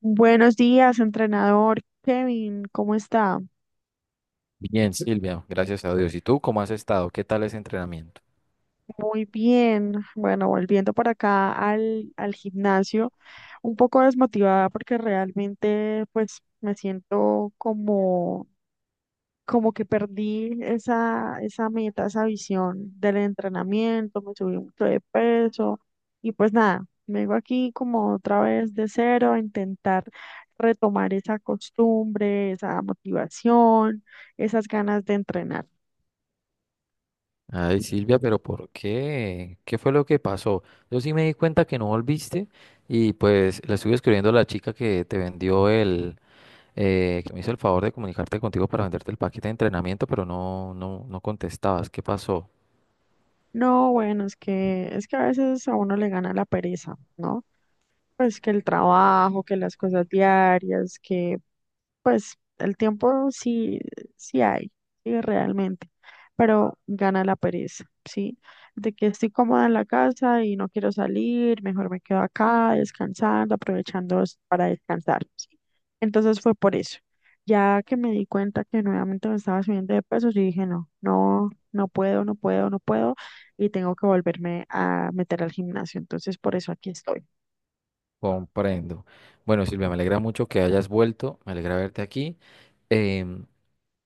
Buenos días, entrenador Kevin, ¿cómo está? Bien, Silvia, gracias a Dios. ¿Y tú cómo has estado? ¿Qué tal ese entrenamiento? Muy bien. Bueno, volviendo por acá al gimnasio, un poco desmotivada porque realmente pues me siento como que perdí esa meta, esa visión del entrenamiento. Me subí mucho de peso y pues nada, vengo aquí como otra vez de cero a intentar retomar esa costumbre, esa motivación, esas ganas de entrenar. Ay, Silvia, pero ¿por qué? ¿Qué fue lo que pasó? Yo sí me di cuenta que no volviste y pues le estuve escribiendo a la chica que te vendió el que me hizo el favor de comunicarte contigo para venderte el paquete de entrenamiento, pero no, no, no contestabas. ¿Qué pasó? No, bueno, es que a veces a uno le gana la pereza, ¿no? Pues que el trabajo, que las cosas diarias, que pues el tiempo sí, sí hay, sí realmente, pero gana la pereza, ¿sí? De que estoy cómoda en la casa y no quiero salir, mejor me quedo acá descansando, aprovechando para descansar, ¿sí? Entonces fue por eso. Ya que me di cuenta que nuevamente me estaba subiendo de pesos yo dije, no, no, no puedo, no puedo, no puedo, y tengo que volverme a meter al gimnasio. Entonces por eso aquí estoy. Comprendo. Bueno, Silvia, me alegra mucho que hayas vuelto, me alegra verte aquí. Em,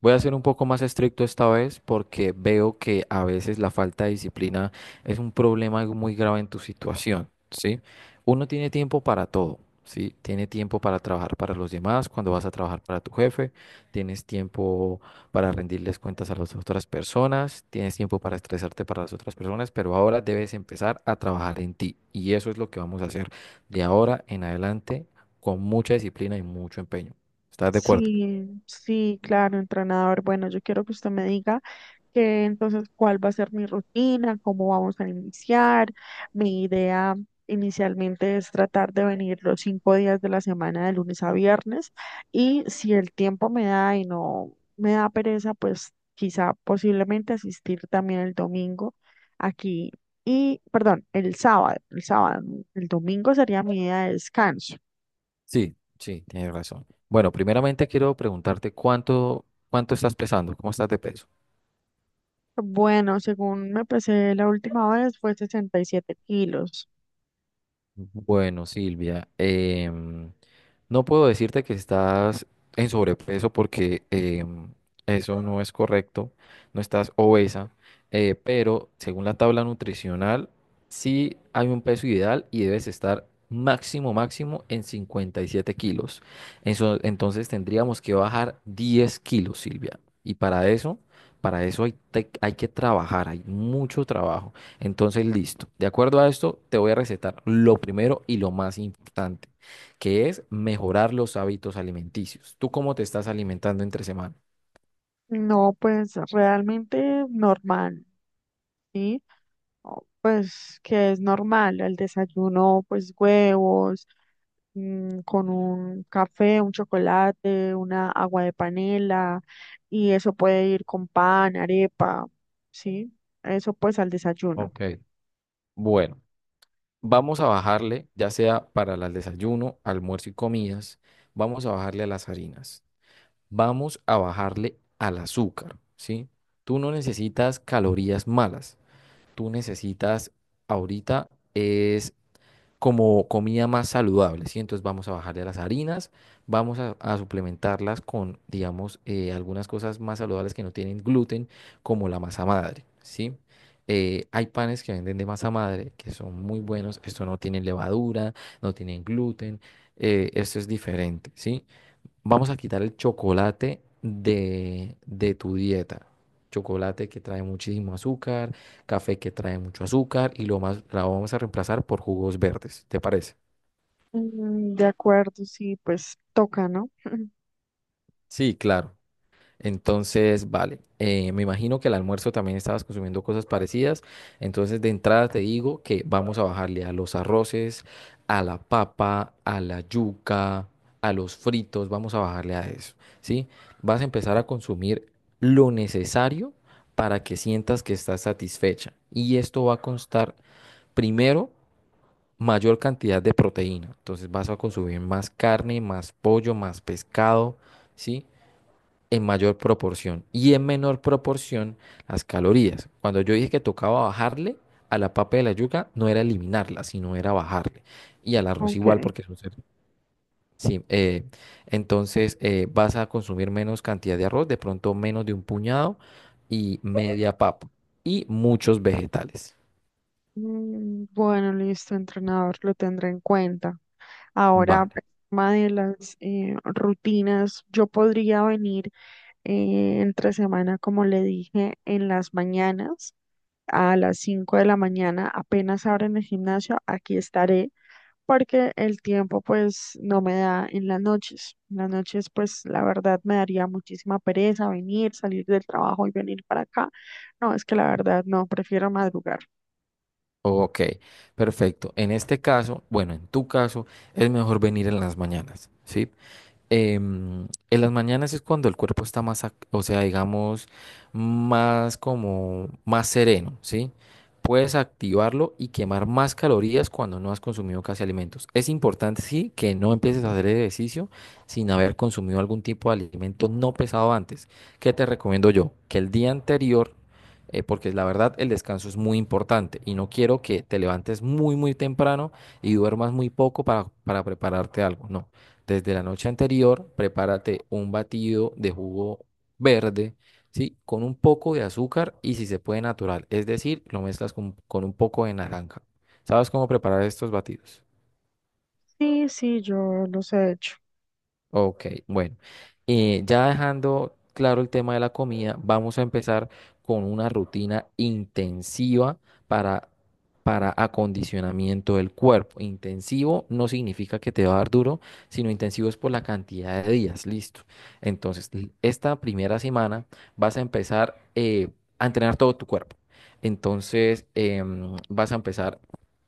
Voy a ser un poco más estricto esta vez porque veo que a veces la falta de disciplina es un problema muy grave en tu situación, ¿sí? Uno tiene tiempo para todo, ¿sí? Tiene tiempo para trabajar para los demás, cuando vas a trabajar para tu jefe, tienes tiempo para rendirles cuentas a las otras personas, tienes tiempo para estresarte para las otras personas, pero ahora debes empezar a trabajar en ti y eso es lo que vamos a hacer de ahora en adelante con mucha disciplina y mucho empeño. ¿Estás de acuerdo? Sí, sí, claro, entrenador. Bueno, yo quiero que usted me diga que entonces cuál va a ser mi rutina, cómo vamos a iniciar. Mi idea inicialmente es tratar de venir los 5 días de la semana, de lunes a viernes, y si el tiempo me da y no me da pereza, pues quizá posiblemente asistir también el domingo aquí. Y, perdón, el sábado, ¿no? El domingo sería mi día de descanso. Sí, sí, tienes razón. Bueno, primeramente quiero preguntarte cuánto, cuánto estás pesando, cómo estás de peso. Bueno, según me pesé la última vez fue 67 kilos. Bueno, Silvia, no puedo decirte que estás en sobrepeso porque eso no es correcto, no estás obesa, pero según la tabla nutricional, sí hay un peso ideal y debes estar máximo, máximo en 57 kilos. Entonces tendríamos que bajar 10 kilos, Silvia. Y para eso, hay que trabajar, hay mucho trabajo. Entonces, listo. De acuerdo a esto, te voy a recetar lo primero y lo más importante, que es mejorar los hábitos alimenticios. ¿Tú cómo te estás alimentando entre semana? No, pues realmente normal, ¿sí? Pues que es normal, el desayuno, pues huevos, con un café, un chocolate, una agua de panela, y eso puede ir con pan, arepa, ¿sí? Eso pues al desayuno. Ok, bueno, vamos a bajarle, ya sea para el desayuno, almuerzo y comidas, vamos a bajarle a las harinas, vamos a bajarle al azúcar, ¿sí? Tú no necesitas calorías malas, tú necesitas ahorita es como comida más saludable, ¿sí? Entonces vamos a bajarle a las harinas, vamos a suplementarlas con, digamos, algunas cosas más saludables que no tienen gluten, como la masa madre, ¿sí? Hay panes que venden de masa madre que son muy buenos, esto no tiene levadura, no tienen gluten, esto es diferente, ¿sí? Vamos a quitar el chocolate de tu dieta. Chocolate que trae muchísimo azúcar, café que trae mucho azúcar y lo más, la vamos a reemplazar por jugos verdes. ¿Te parece? Mm, de acuerdo, sí, pues toca, ¿no? Sí, claro. Entonces, vale, me imagino que el almuerzo también estabas consumiendo cosas parecidas. Entonces, de entrada te digo que vamos a bajarle a los arroces, a la papa, a la yuca, a los fritos, vamos a bajarle a eso, ¿sí? Vas a empezar a consumir lo necesario para que sientas que estás satisfecha. Y esto va a constar primero mayor cantidad de proteína. Entonces, vas a consumir más carne, más pollo, más pescado, ¿sí?, en mayor proporción y en menor proporción las calorías. Cuando yo dije que tocaba bajarle a la papa de la yuca, no era eliminarla, sino era bajarle. Y al arroz Ok. igual, porque es un sí, entonces vas a consumir menos cantidad de arroz, de pronto menos de un puñado y media papa y muchos vegetales. Mm, bueno, listo, entrenador, lo tendré en cuenta. Ahora, Vale, el tema de las rutinas, yo podría venir entre semana, como le dije, en las mañanas, a las 5 de la mañana, apenas abren el gimnasio, aquí estaré, porque el tiempo pues no me da en las noches. En las noches pues la verdad me daría muchísima pereza venir, salir del trabajo y venir para acá. No, es que la verdad no, prefiero madrugar. ok, perfecto. En este caso, bueno, en tu caso, es mejor venir en las mañanas, ¿sí? Em, en las mañanas es cuando el cuerpo está más, o sea, digamos, más como, más sereno, ¿sí? Puedes activarlo y quemar más calorías cuando no has consumido casi alimentos. Es importante, sí, que no empieces a hacer ejercicio sin haber consumido algún tipo de alimento no pesado antes. ¿Qué te recomiendo yo? Que el día anterior, porque la verdad el descanso es muy importante y no quiero que te levantes muy, muy temprano y duermas muy poco para prepararte algo, no. Desde la noche anterior, prepárate un batido de jugo verde, ¿sí? Con un poco de azúcar y si se puede natural, es decir, lo mezclas con un poco de naranja. ¿Sabes cómo preparar estos batidos? Sí, sí, yo los he hecho. Ok, bueno, ya dejando claro el tema de la comida, vamos a empezar con una rutina intensiva para, para acondicionamiento del cuerpo. Intensivo no significa que te va a dar duro, sino intensivo es por la cantidad de días, listo. Entonces, esta primera semana vas a empezar a entrenar todo tu cuerpo. Entonces, vas a empezar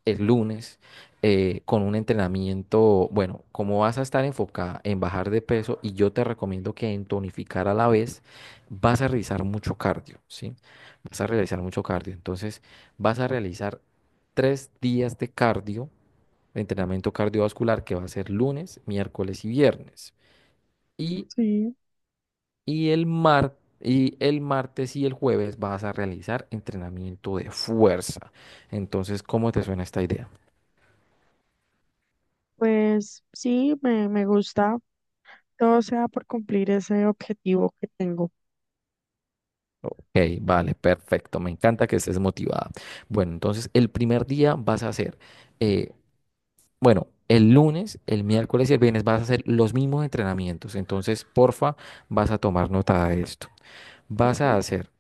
el lunes con un entrenamiento, bueno, como vas a estar enfocada en bajar de peso y yo te recomiendo que en tonificar a la vez, vas a realizar mucho cardio, ¿sí? Vas a realizar mucho cardio. Entonces, vas a realizar tres días de cardio, de entrenamiento cardiovascular, que va a ser lunes, miércoles y viernes. Y, Sí, y el mar- Y el martes y el jueves vas a realizar entrenamiento de fuerza. Entonces, ¿cómo te suena esta idea? pues sí, me gusta. Todo sea por cumplir ese objetivo que tengo. Ok, vale, perfecto. Me encanta que estés motivada. Bueno, entonces el primer día vas a hacer, eh, bueno, el lunes, el miércoles y el viernes vas a hacer los mismos entrenamientos. Entonces, porfa, vas a tomar nota de esto. Vas a Sí. hacer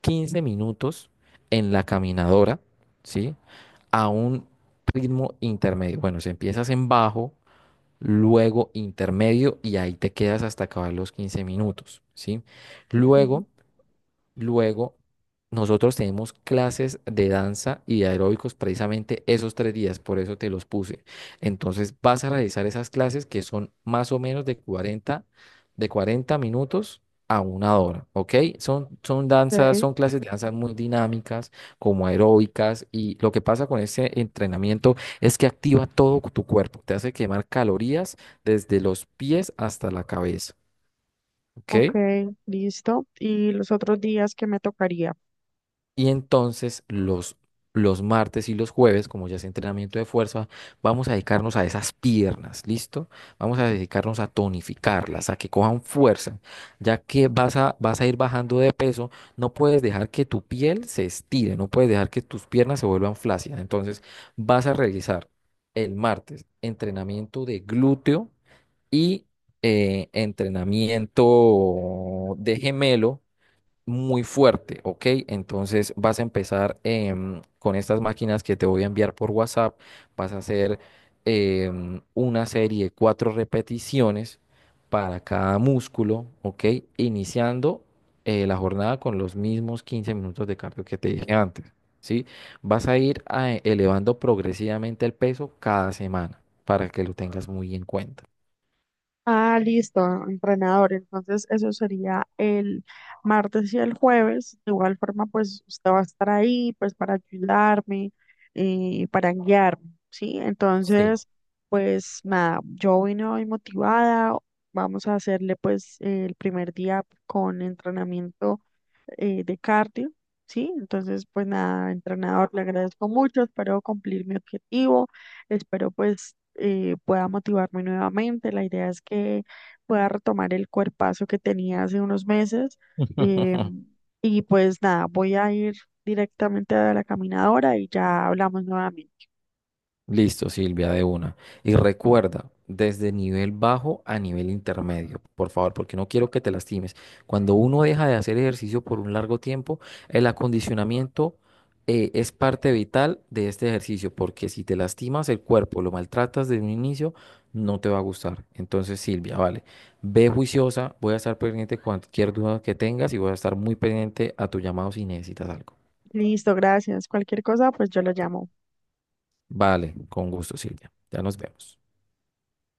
15 minutos en la caminadora, ¿sí? A un ritmo intermedio. Bueno, si empiezas en bajo, luego intermedio y ahí te quedas hasta acabar los 15 minutos, ¿sí? Ujú. Luego... luego, nosotros tenemos clases de danza y de aeróbicos precisamente esos tres días, por eso te los puse. Entonces, vas a realizar esas clases que son más o menos de 40 minutos a 1 hora, ¿ok? Son danzas, Ok, son clases de danzas muy dinámicas, como aeróbicas, y lo que pasa con este entrenamiento es que activa todo tu cuerpo, te hace quemar calorías desde los pies hasta la cabeza, ¿ok? ok, listo. ¿Y los otros días que me tocaría? Y entonces los martes y los jueves, como ya es entrenamiento de fuerza, vamos a dedicarnos a esas piernas, ¿listo? Vamos a dedicarnos a tonificarlas, a que cojan fuerza, ya que vas a ir bajando de peso, no puedes dejar que tu piel se estire, no puedes dejar que tus piernas se vuelvan flácidas. Entonces vas a realizar el martes entrenamiento de glúteo y entrenamiento de gemelo muy fuerte, ¿ok? Entonces vas a empezar con estas máquinas que te voy a enviar por WhatsApp, vas a hacer una serie de 4 repeticiones para cada músculo, ¿ok? Iniciando la jornada con los mismos 15 minutos de cardio que te dije antes, ¿sí? Vas a ir elevando progresivamente el peso cada semana para que lo tengas muy en cuenta. Ah, listo, entrenador. Entonces, eso sería el martes y el jueves. De igual forma, pues usted va a estar ahí, pues para ayudarme, para guiarme, ¿sí? Sí. Entonces, pues nada, yo vine hoy motivada. Vamos a hacerle pues el primer día con entrenamiento de cardio, ¿sí? Entonces, pues nada, entrenador, le agradezco mucho, espero cumplir mi objetivo, espero pues pueda motivarme nuevamente, la idea es que pueda retomar el cuerpazo que tenía hace unos meses eh, y pues nada, voy a ir directamente a la caminadora y ya hablamos nuevamente. Listo, Silvia, de una. Y recuerda, desde nivel bajo a nivel intermedio, por favor, porque no quiero que te lastimes. Cuando uno deja de hacer ejercicio por un largo tiempo, el acondicionamiento es parte vital de este ejercicio, porque si te lastimas el cuerpo, lo maltratas desde un inicio, no te va a gustar. Entonces, Silvia, vale, ve juiciosa, voy a estar pendiente de cualquier duda que tengas y voy a estar muy pendiente a tu llamado si necesitas algo. Listo, gracias. Cualquier cosa, pues yo lo llamo. Vale, con gusto, Silvia. Ya nos vemos.